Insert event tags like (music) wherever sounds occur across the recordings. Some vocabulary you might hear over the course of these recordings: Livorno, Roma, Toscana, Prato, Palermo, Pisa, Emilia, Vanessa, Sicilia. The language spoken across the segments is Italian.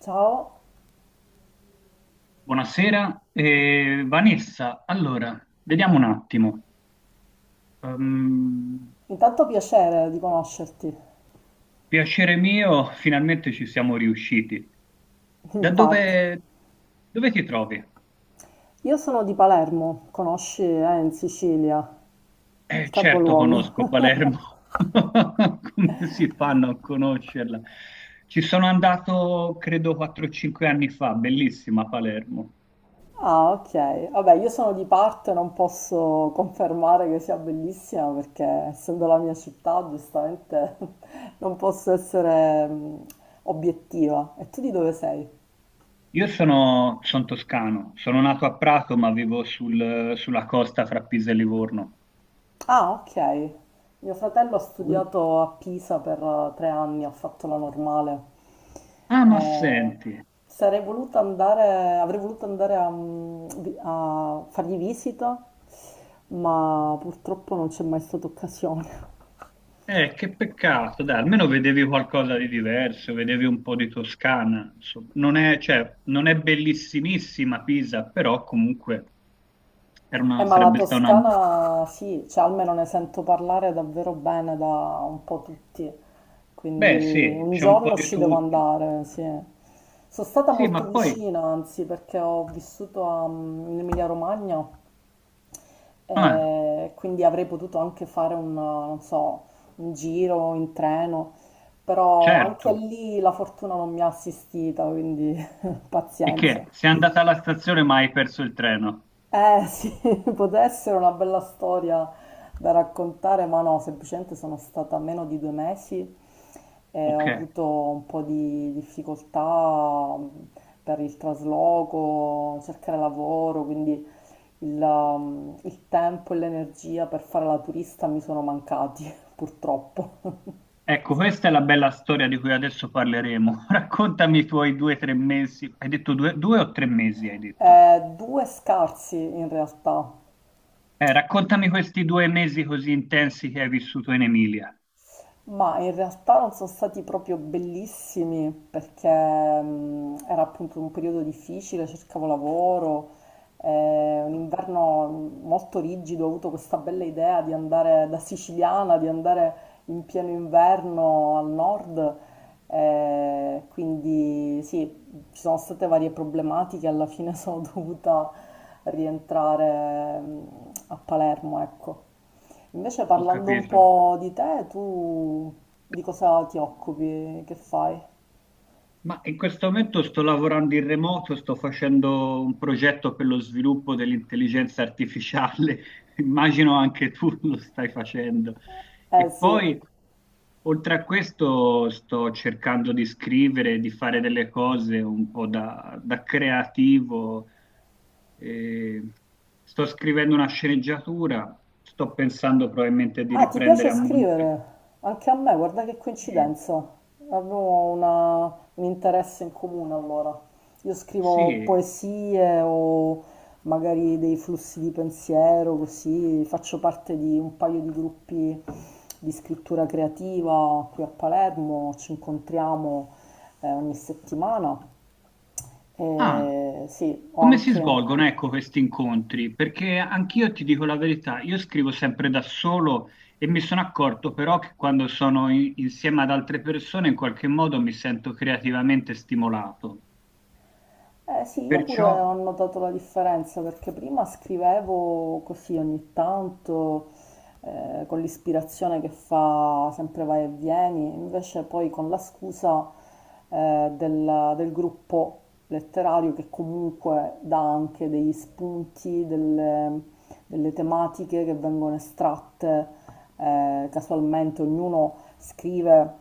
Ciao, Buonasera, Vanessa. Allora, vediamo un attimo. Ehm, intanto piacere di conoscerti, Piacere mio, finalmente ci siamo riusciti. Da (laughs) infatti. dove, Dove ti trovi? Io sono di Palermo, conosci, in Sicilia, il Certo capoluogo. conosco (laughs) Palermo, (laughs) come si fanno a conoscerla? Ci sono andato, credo, 4-5 anni fa, bellissima Palermo. Ah, ok. Vabbè, io sono di parte, non posso confermare che sia bellissima perché essendo la mia città, giustamente (laughs) non posso essere obiettiva. E tu di dove sei? Io sono, son toscano, sono nato a Prato, ma vivo sulla costa fra Pisa e Livorno. Ah, ok. Mio fratello ha studiato a Pisa per 3 anni, ha fatto la normale. Ah, ma Eh, senti, Avrei voluto andare a fargli visita, ma purtroppo non c'è mai stata occasione. Che peccato, dai, almeno vedevi qualcosa di diverso, vedevi un po' di Toscana, insomma. Non è, cioè, non è bellissimissima Pisa, però comunque Ma la sarebbe stata una. Toscana sì, cioè almeno ne sento parlare davvero bene da un po' tutti, Beh, quindi sì, un c'è un po' giorno di ci devo tutto. andare, sì. Sono stata Sì, molto ma poi, vicina, anzi, perché ho vissuto in Emilia-Romagna, ah, e quindi avrei potuto anche fare un, non so, un giro in treno, però anche certo, lì la fortuna non mi ha assistita, quindi (laughs) e pazienza. che? Sei andata alla stazione ma hai perso il treno. Eh sì, (laughs) poteva essere una bella storia da raccontare, ma no, semplicemente sono stata meno di 2 mesi e ho Ok, avuto un po' di difficoltà per il trasloco, cercare lavoro, quindi il tempo e l'energia per fare la turista mi sono mancati, (laughs) purtroppo. ecco, questa è la bella storia di cui adesso parleremo. (laughs) Raccontami i tuoi 2 o 3 mesi, hai detto due o tre mesi, hai detto? Due scarsi in realtà. Raccontami questi 2 mesi così intensi che hai vissuto in Emilia. Ma in realtà non sono stati proprio bellissimi perché era appunto un periodo difficile, cercavo lavoro, un inverno molto rigido, ho avuto questa bella idea di andare da siciliana, di andare in pieno inverno al nord, quindi sì, ci sono state varie problematiche, alla fine sono (laughs) dovuta rientrare a Palermo, ecco. Invece Ho parlando un capito. po' di te, tu di cosa ti occupi, che fai? Ma in questo momento sto lavorando in remoto, sto facendo un progetto per lo sviluppo dell'intelligenza artificiale, (laughs) immagino anche tu (laughs) lo stai facendo. Eh E sì. poi, oltre a questo, sto cercando di scrivere, di fare delle cose un po' da creativo. E sto scrivendo una sceneggiatura, sto pensando probabilmente di Ah, ti riprendere piace a monte. scrivere? Anche a me, guarda che e- coincidenza. Avevo un interesse in comune allora. Io scrivo Sì. poesie o magari dei flussi di pensiero, così faccio parte di un paio di gruppi di scrittura creativa qui a Palermo, ci incontriamo ogni settimana. Ah, E sì, ho come si anche. svolgono, ecco, questi incontri? Perché anch'io ti dico la verità, io scrivo sempre da solo e mi sono accorto però che quando sono insieme ad altre persone in qualche modo mi sento creativamente stimolato. Eh sì, io pure ho Perciò, notato la differenza perché prima scrivevo così ogni tanto, con l'ispirazione che fa sempre vai e vieni, invece poi con la scusa, del gruppo letterario, che comunque dà anche degli spunti, delle tematiche che vengono estratte, casualmente. Ognuno scrive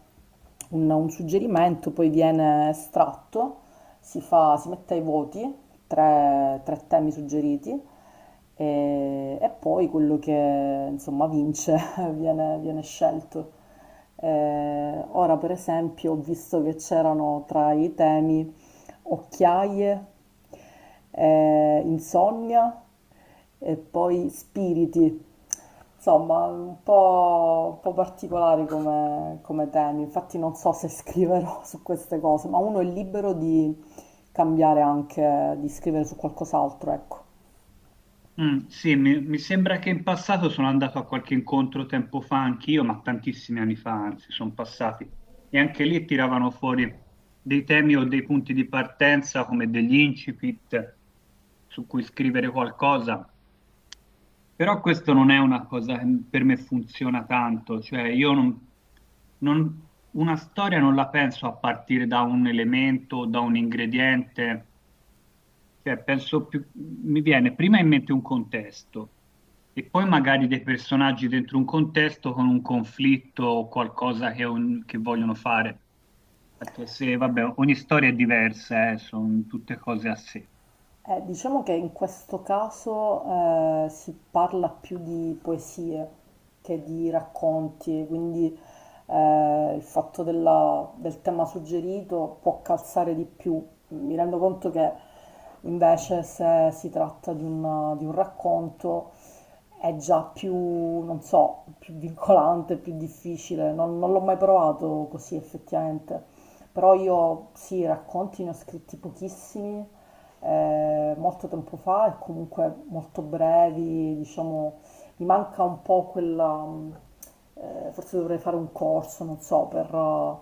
un suggerimento, poi viene estratto, si fa, si mette ai voti tre temi suggeriti, e poi quello che insomma vince (laughs) viene scelto. Ora per esempio ho visto che c'erano tra i temi occhiaie, insonnia e poi spiriti. Insomma, un po' particolare come temi, infatti non so se scriverò su queste cose, ma uno è libero di cambiare anche, di scrivere su qualcos'altro, ecco. Sì, mi sembra che in passato sono andato a qualche incontro tempo fa anch'io, ma tantissimi anni fa, anzi, sono passati. E anche lì tiravano fuori dei temi o dei punti di partenza come degli incipit su cui scrivere qualcosa. Però questo non è una cosa che per me funziona tanto, cioè io non, una storia non la penso a partire da un elemento, o da un ingrediente, cioè penso più, mi viene prima in mente un contesto e poi magari dei personaggi dentro un contesto con un conflitto o qualcosa che, che vogliono fare. Perché se, vabbè, ogni storia è diversa, sono tutte cose a sé. Diciamo che in questo caso si parla più di poesie che di racconti, quindi il fatto del tema suggerito può calzare di più. Mi rendo conto che invece se si tratta di un racconto è già più, non so, più vincolante, più difficile. Non l'ho mai provato così effettivamente. Però io sì, racconti ne ho scritti pochissimi molto tempo fa, e comunque molto brevi, diciamo, mi manca un po' quella, forse dovrei fare un corso, non so, per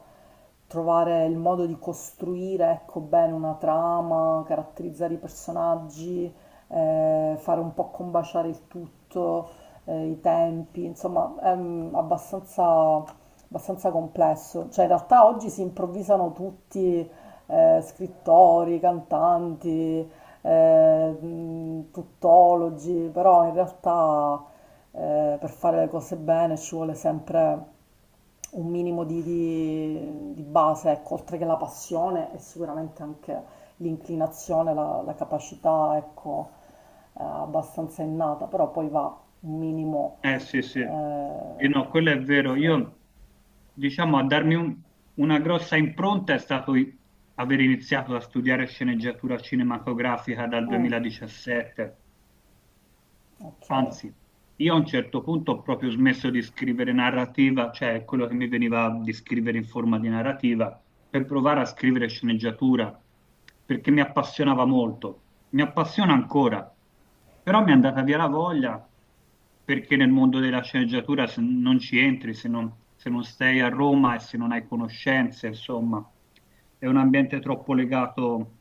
trovare il modo di costruire, ecco, bene una trama, caratterizzare i personaggi, fare un po' combaciare il tutto, i tempi, insomma, è abbastanza complesso. Cioè, in realtà oggi si improvvisano tutti scrittori, cantanti, tuttologi, però in realtà per fare le cose bene ci vuole sempre un minimo di base, ecco, oltre che la passione, e sicuramente anche l'inclinazione, la capacità, ecco, abbastanza innata, però poi va un minimo... Eh sì, sì. E Eh, no, quello è vero. sì. Io, diciamo, a darmi una grossa impronta è stato aver iniziato a studiare sceneggiatura cinematografica dal Mm, 2017. ok. Anzi, io a un certo punto ho proprio smesso di scrivere narrativa, cioè quello che mi veniva di scrivere in forma di narrativa, per provare a scrivere sceneggiatura, perché mi appassionava molto, mi appassiona ancora, però mi è andata via la voglia perché nel mondo della sceneggiatura se non ci entri, se non, se non stai a Roma e se non hai conoscenze, insomma, è un ambiente troppo legato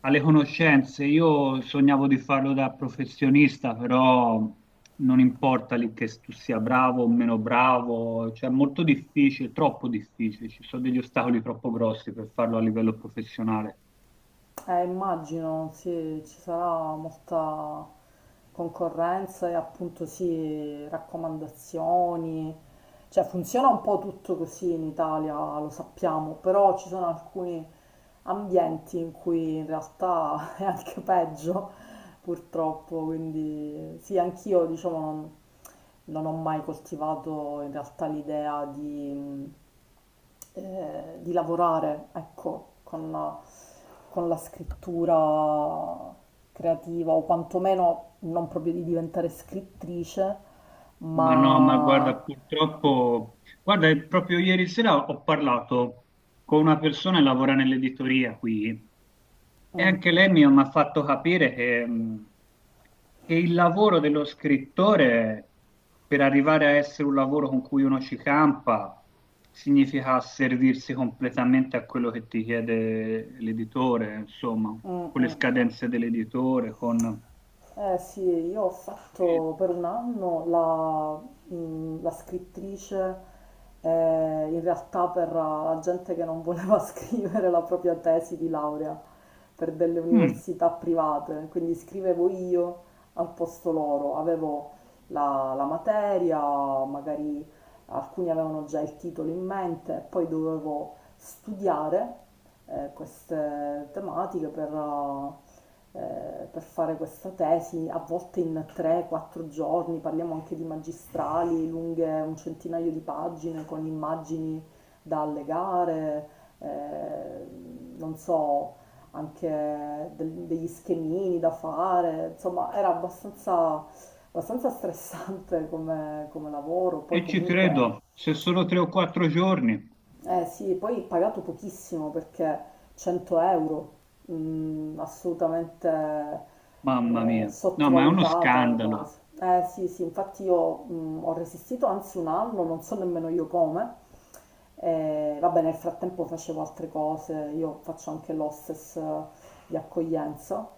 alle conoscenze, io sognavo di farlo da professionista, però non importa lì che tu sia bravo o meno bravo, cioè è molto difficile, troppo difficile, ci sono degli ostacoli troppo grossi per farlo a livello professionale. Immagino, sì, ci sarà molta concorrenza e appunto sì, raccomandazioni. Cioè funziona un po' tutto così in Italia, lo sappiamo, però ci sono alcuni ambienti in cui in realtà (laughs) è anche peggio, purtroppo. Quindi sì, anch'io diciamo non ho mai coltivato in realtà l'idea di lavorare, ecco, con la scrittura creativa, o quantomeno non proprio di diventare scrittrice, Ma no, ma guarda, ma... purtroppo, guarda, proprio ieri sera ho parlato con una persona che lavora nell'editoria qui. E Mm, anche lei mi ha fatto capire che il lavoro dello scrittore, per arrivare a essere un lavoro con cui uno ci campa, significa servirsi completamente a quello che ti chiede l'editore, insomma, mm, con le mm. scadenze dell'editore, con... Eh sì, io ho E, fatto per un anno la scrittrice, in realtà per la gente che non voleva (laughs) scrivere la propria tesi di laurea per delle mm, università private, quindi scrivevo io al posto loro, avevo la materia, magari alcuni avevano già il titolo in mente, e poi dovevo studiare queste tematiche per fare questa tesi, a volte in 3-4 giorni, parliamo anche di magistrali lunghe un centinaio di pagine con immagini da allegare, eh, non so, anche degli schemini da fare, insomma era abbastanza stressante come lavoro, poi e ci comunque credo, se sono 3 o 4 giorni, eh sì, poi pagato pochissimo, perché 100 euro, assolutamente mamma mia, no, ma è uno sottovalutata la scandalo. cosa. Eh sì, sì, infatti io ho resistito anzi un anno, non so nemmeno io come. Vabbè, nel frattempo facevo altre cose, io faccio anche l'hostess di accoglienza,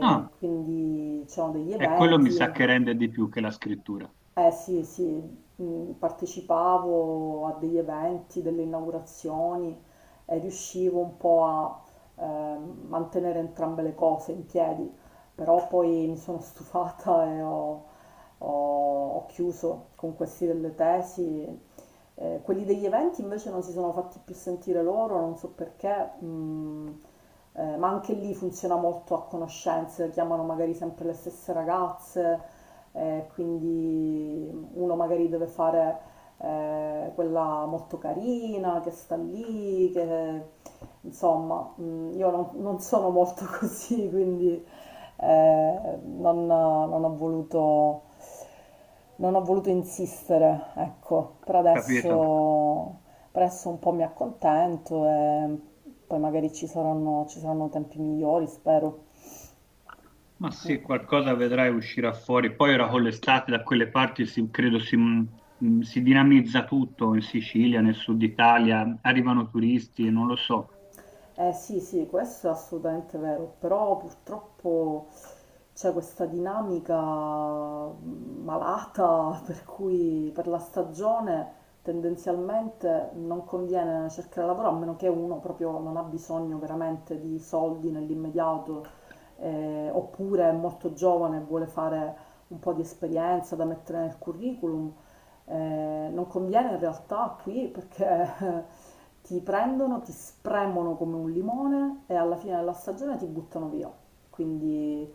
Ah, quindi c'erano degli è quello mi sa eventi, che rende di più che la scrittura, eh sì, sì, partecipavo a degli eventi, delle inaugurazioni, e riuscivo un po' a eh, mantenere entrambe le cose in piedi, però poi mi sono stufata e ho chiuso con questi delle tesi, quelli degli eventi invece non si sono fatti più sentire loro, non so perché, ma anche lì funziona molto a conoscenze, chiamano magari sempre le stesse ragazze, quindi uno magari deve fare quella molto carina che sta lì, che insomma, io non sono molto (laughs) così, quindi eh, non, non ho voluto, non ho voluto insistere, ecco, ho capito? Per adesso un po' mi accontento, e poi magari ci saranno tempi migliori, spero. Ma sì, qualcosa vedrai uscirà fuori. Poi ora con l'estate da quelle parti credo si dinamizza tutto in Sicilia, nel sud Italia, arrivano turisti, non lo so. Eh sì, sì, questo è assolutamente vero, però purtroppo c'è questa dinamica malata (laughs) per cui per la stagione tendenzialmente non conviene cercare lavoro, a meno che uno proprio non ha bisogno veramente di soldi nell'immediato, oppure è molto giovane e vuole fare un po' di esperienza da mettere nel curriculum. Non conviene in realtà qui, perché (laughs) ti prendono, ti spremono come un limone e alla fine della stagione ti buttano via. Quindi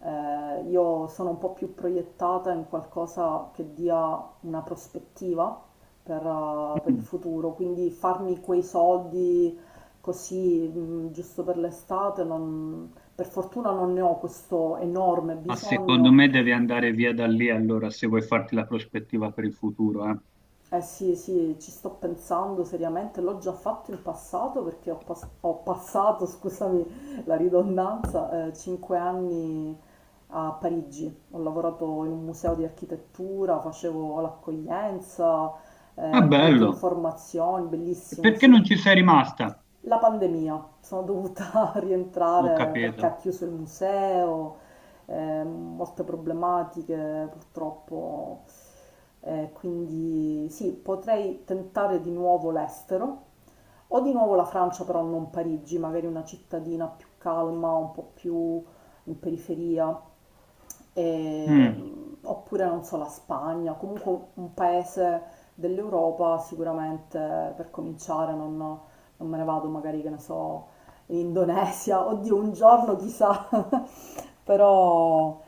io sono un po' più proiettata in qualcosa che dia una prospettiva per il Mm. futuro, quindi farmi quei soldi così giusto per l'estate, per fortuna non ne ho questo enorme Ma secondo bisogno. me devi andare via da lì allora se vuoi farti la prospettiva per il futuro, eh. Eh sì, sì, ci sto pensando seriamente, l'ho già fatto in passato perché ho passato, (laughs) scusami la ridondanza, 5 anni a Parigi. Ho lavorato in un museo di architettura, facevo l'accoglienza, Ah, il punto bello. informazioni, E bellissimo, perché sì. non ci sei rimasta? La pandemia, sono dovuta (laughs) Ho rientrare perché capito. ha chiuso il museo, molte problematiche purtroppo, quindi sì, potrei tentare di nuovo l'estero o di nuovo la Francia, però non Parigi, magari una cittadina più calma, un po' più in periferia, e, Mm. oppure non so, la Spagna, comunque un paese dell'Europa, sicuramente per cominciare. Non me ne vado magari, che ne so, in Indonesia, (laughs) oddio, un giorno chissà, (laughs) però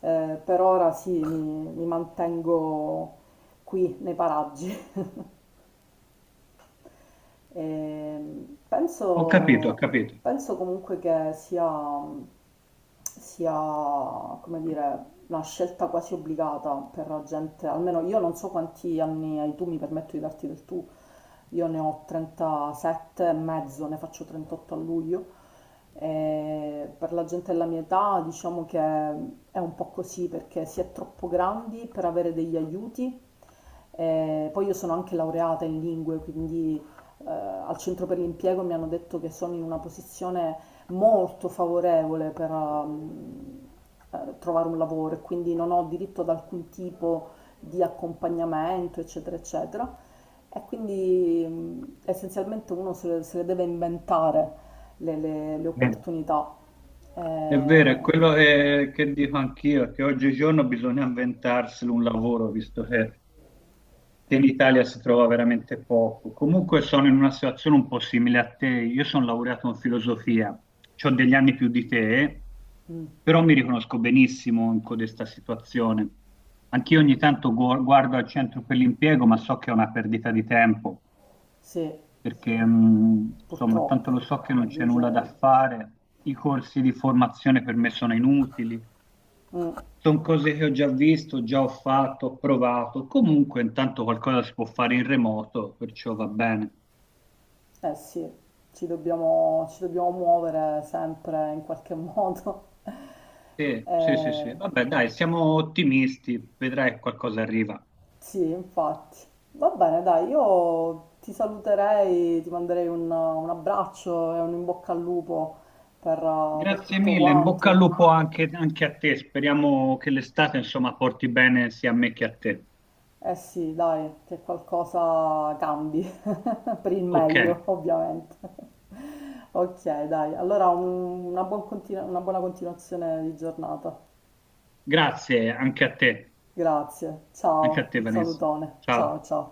per ora sì, mi mantengo qui nei paraggi. Ehm, Ho capito, ho penso, capito. Penso comunque che sia, come dire, una scelta quasi obbligata per la gente. Almeno, io non so quanti anni hai tu, mi permetto di darti del tu, io ne ho 37 e mezzo, ne faccio 38 a luglio. E per la gente della mia età diciamo che è un po' così, perché si è troppo grandi per avere degli aiuti. E poi io sono anche laureata in lingue, quindi al centro per l'impiego mi hanno detto che sono in una posizione molto favorevole per trovare un lavoro, e quindi non ho diritto ad alcun tipo di accompagnamento, eccetera, eccetera. E quindi essenzialmente uno se le deve inventare le Bene. opportunità. Eh, È vero, è quello eh, che dico anch'io, che oggigiorno bisogna inventarsi un lavoro, visto che in Italia si trova veramente poco. Comunque sono in una situazione un po' simile a te. Io sono laureato in filosofia, ho degli anni più di te, mm, però mi riconosco benissimo in codesta situazione. Anch'io ogni tanto guardo al centro per l'impiego, ma so che è una perdita di tempo, sì, perché insomma, purtroppo, tanto lo so che non c'è nulla da aggiungerei. fare, i corsi di formazione per me sono inutili. Mm. Sono cose che ho già visto, già ho fatto, ho provato. Comunque, intanto qualcosa si può fare in remoto, perciò va bene. Eh sì, ci dobbiamo muovere sempre in qualche modo. (laughs) Sì, sì, sì, sì. Eh, Vabbè, dai, siamo ottimisti, vedrai che qualcosa arriva. sì, infatti. Va bene, dai, io ti saluterei, ti manderei un abbraccio e un in bocca al lupo per Grazie tutto mille, in bocca al quanto. lupo anche, anche a te. Speriamo che l'estate, insomma, porti bene sia a me che a te. Eh sì, dai, che qualcosa cambi, (laughs) per il Ok, meglio, ovviamente. (laughs) Ok, dai, allora una buona continuazione di giornata. grazie Grazie, anche a ciao, te, un Vanessa. salutone, ciao Ciao. ciao.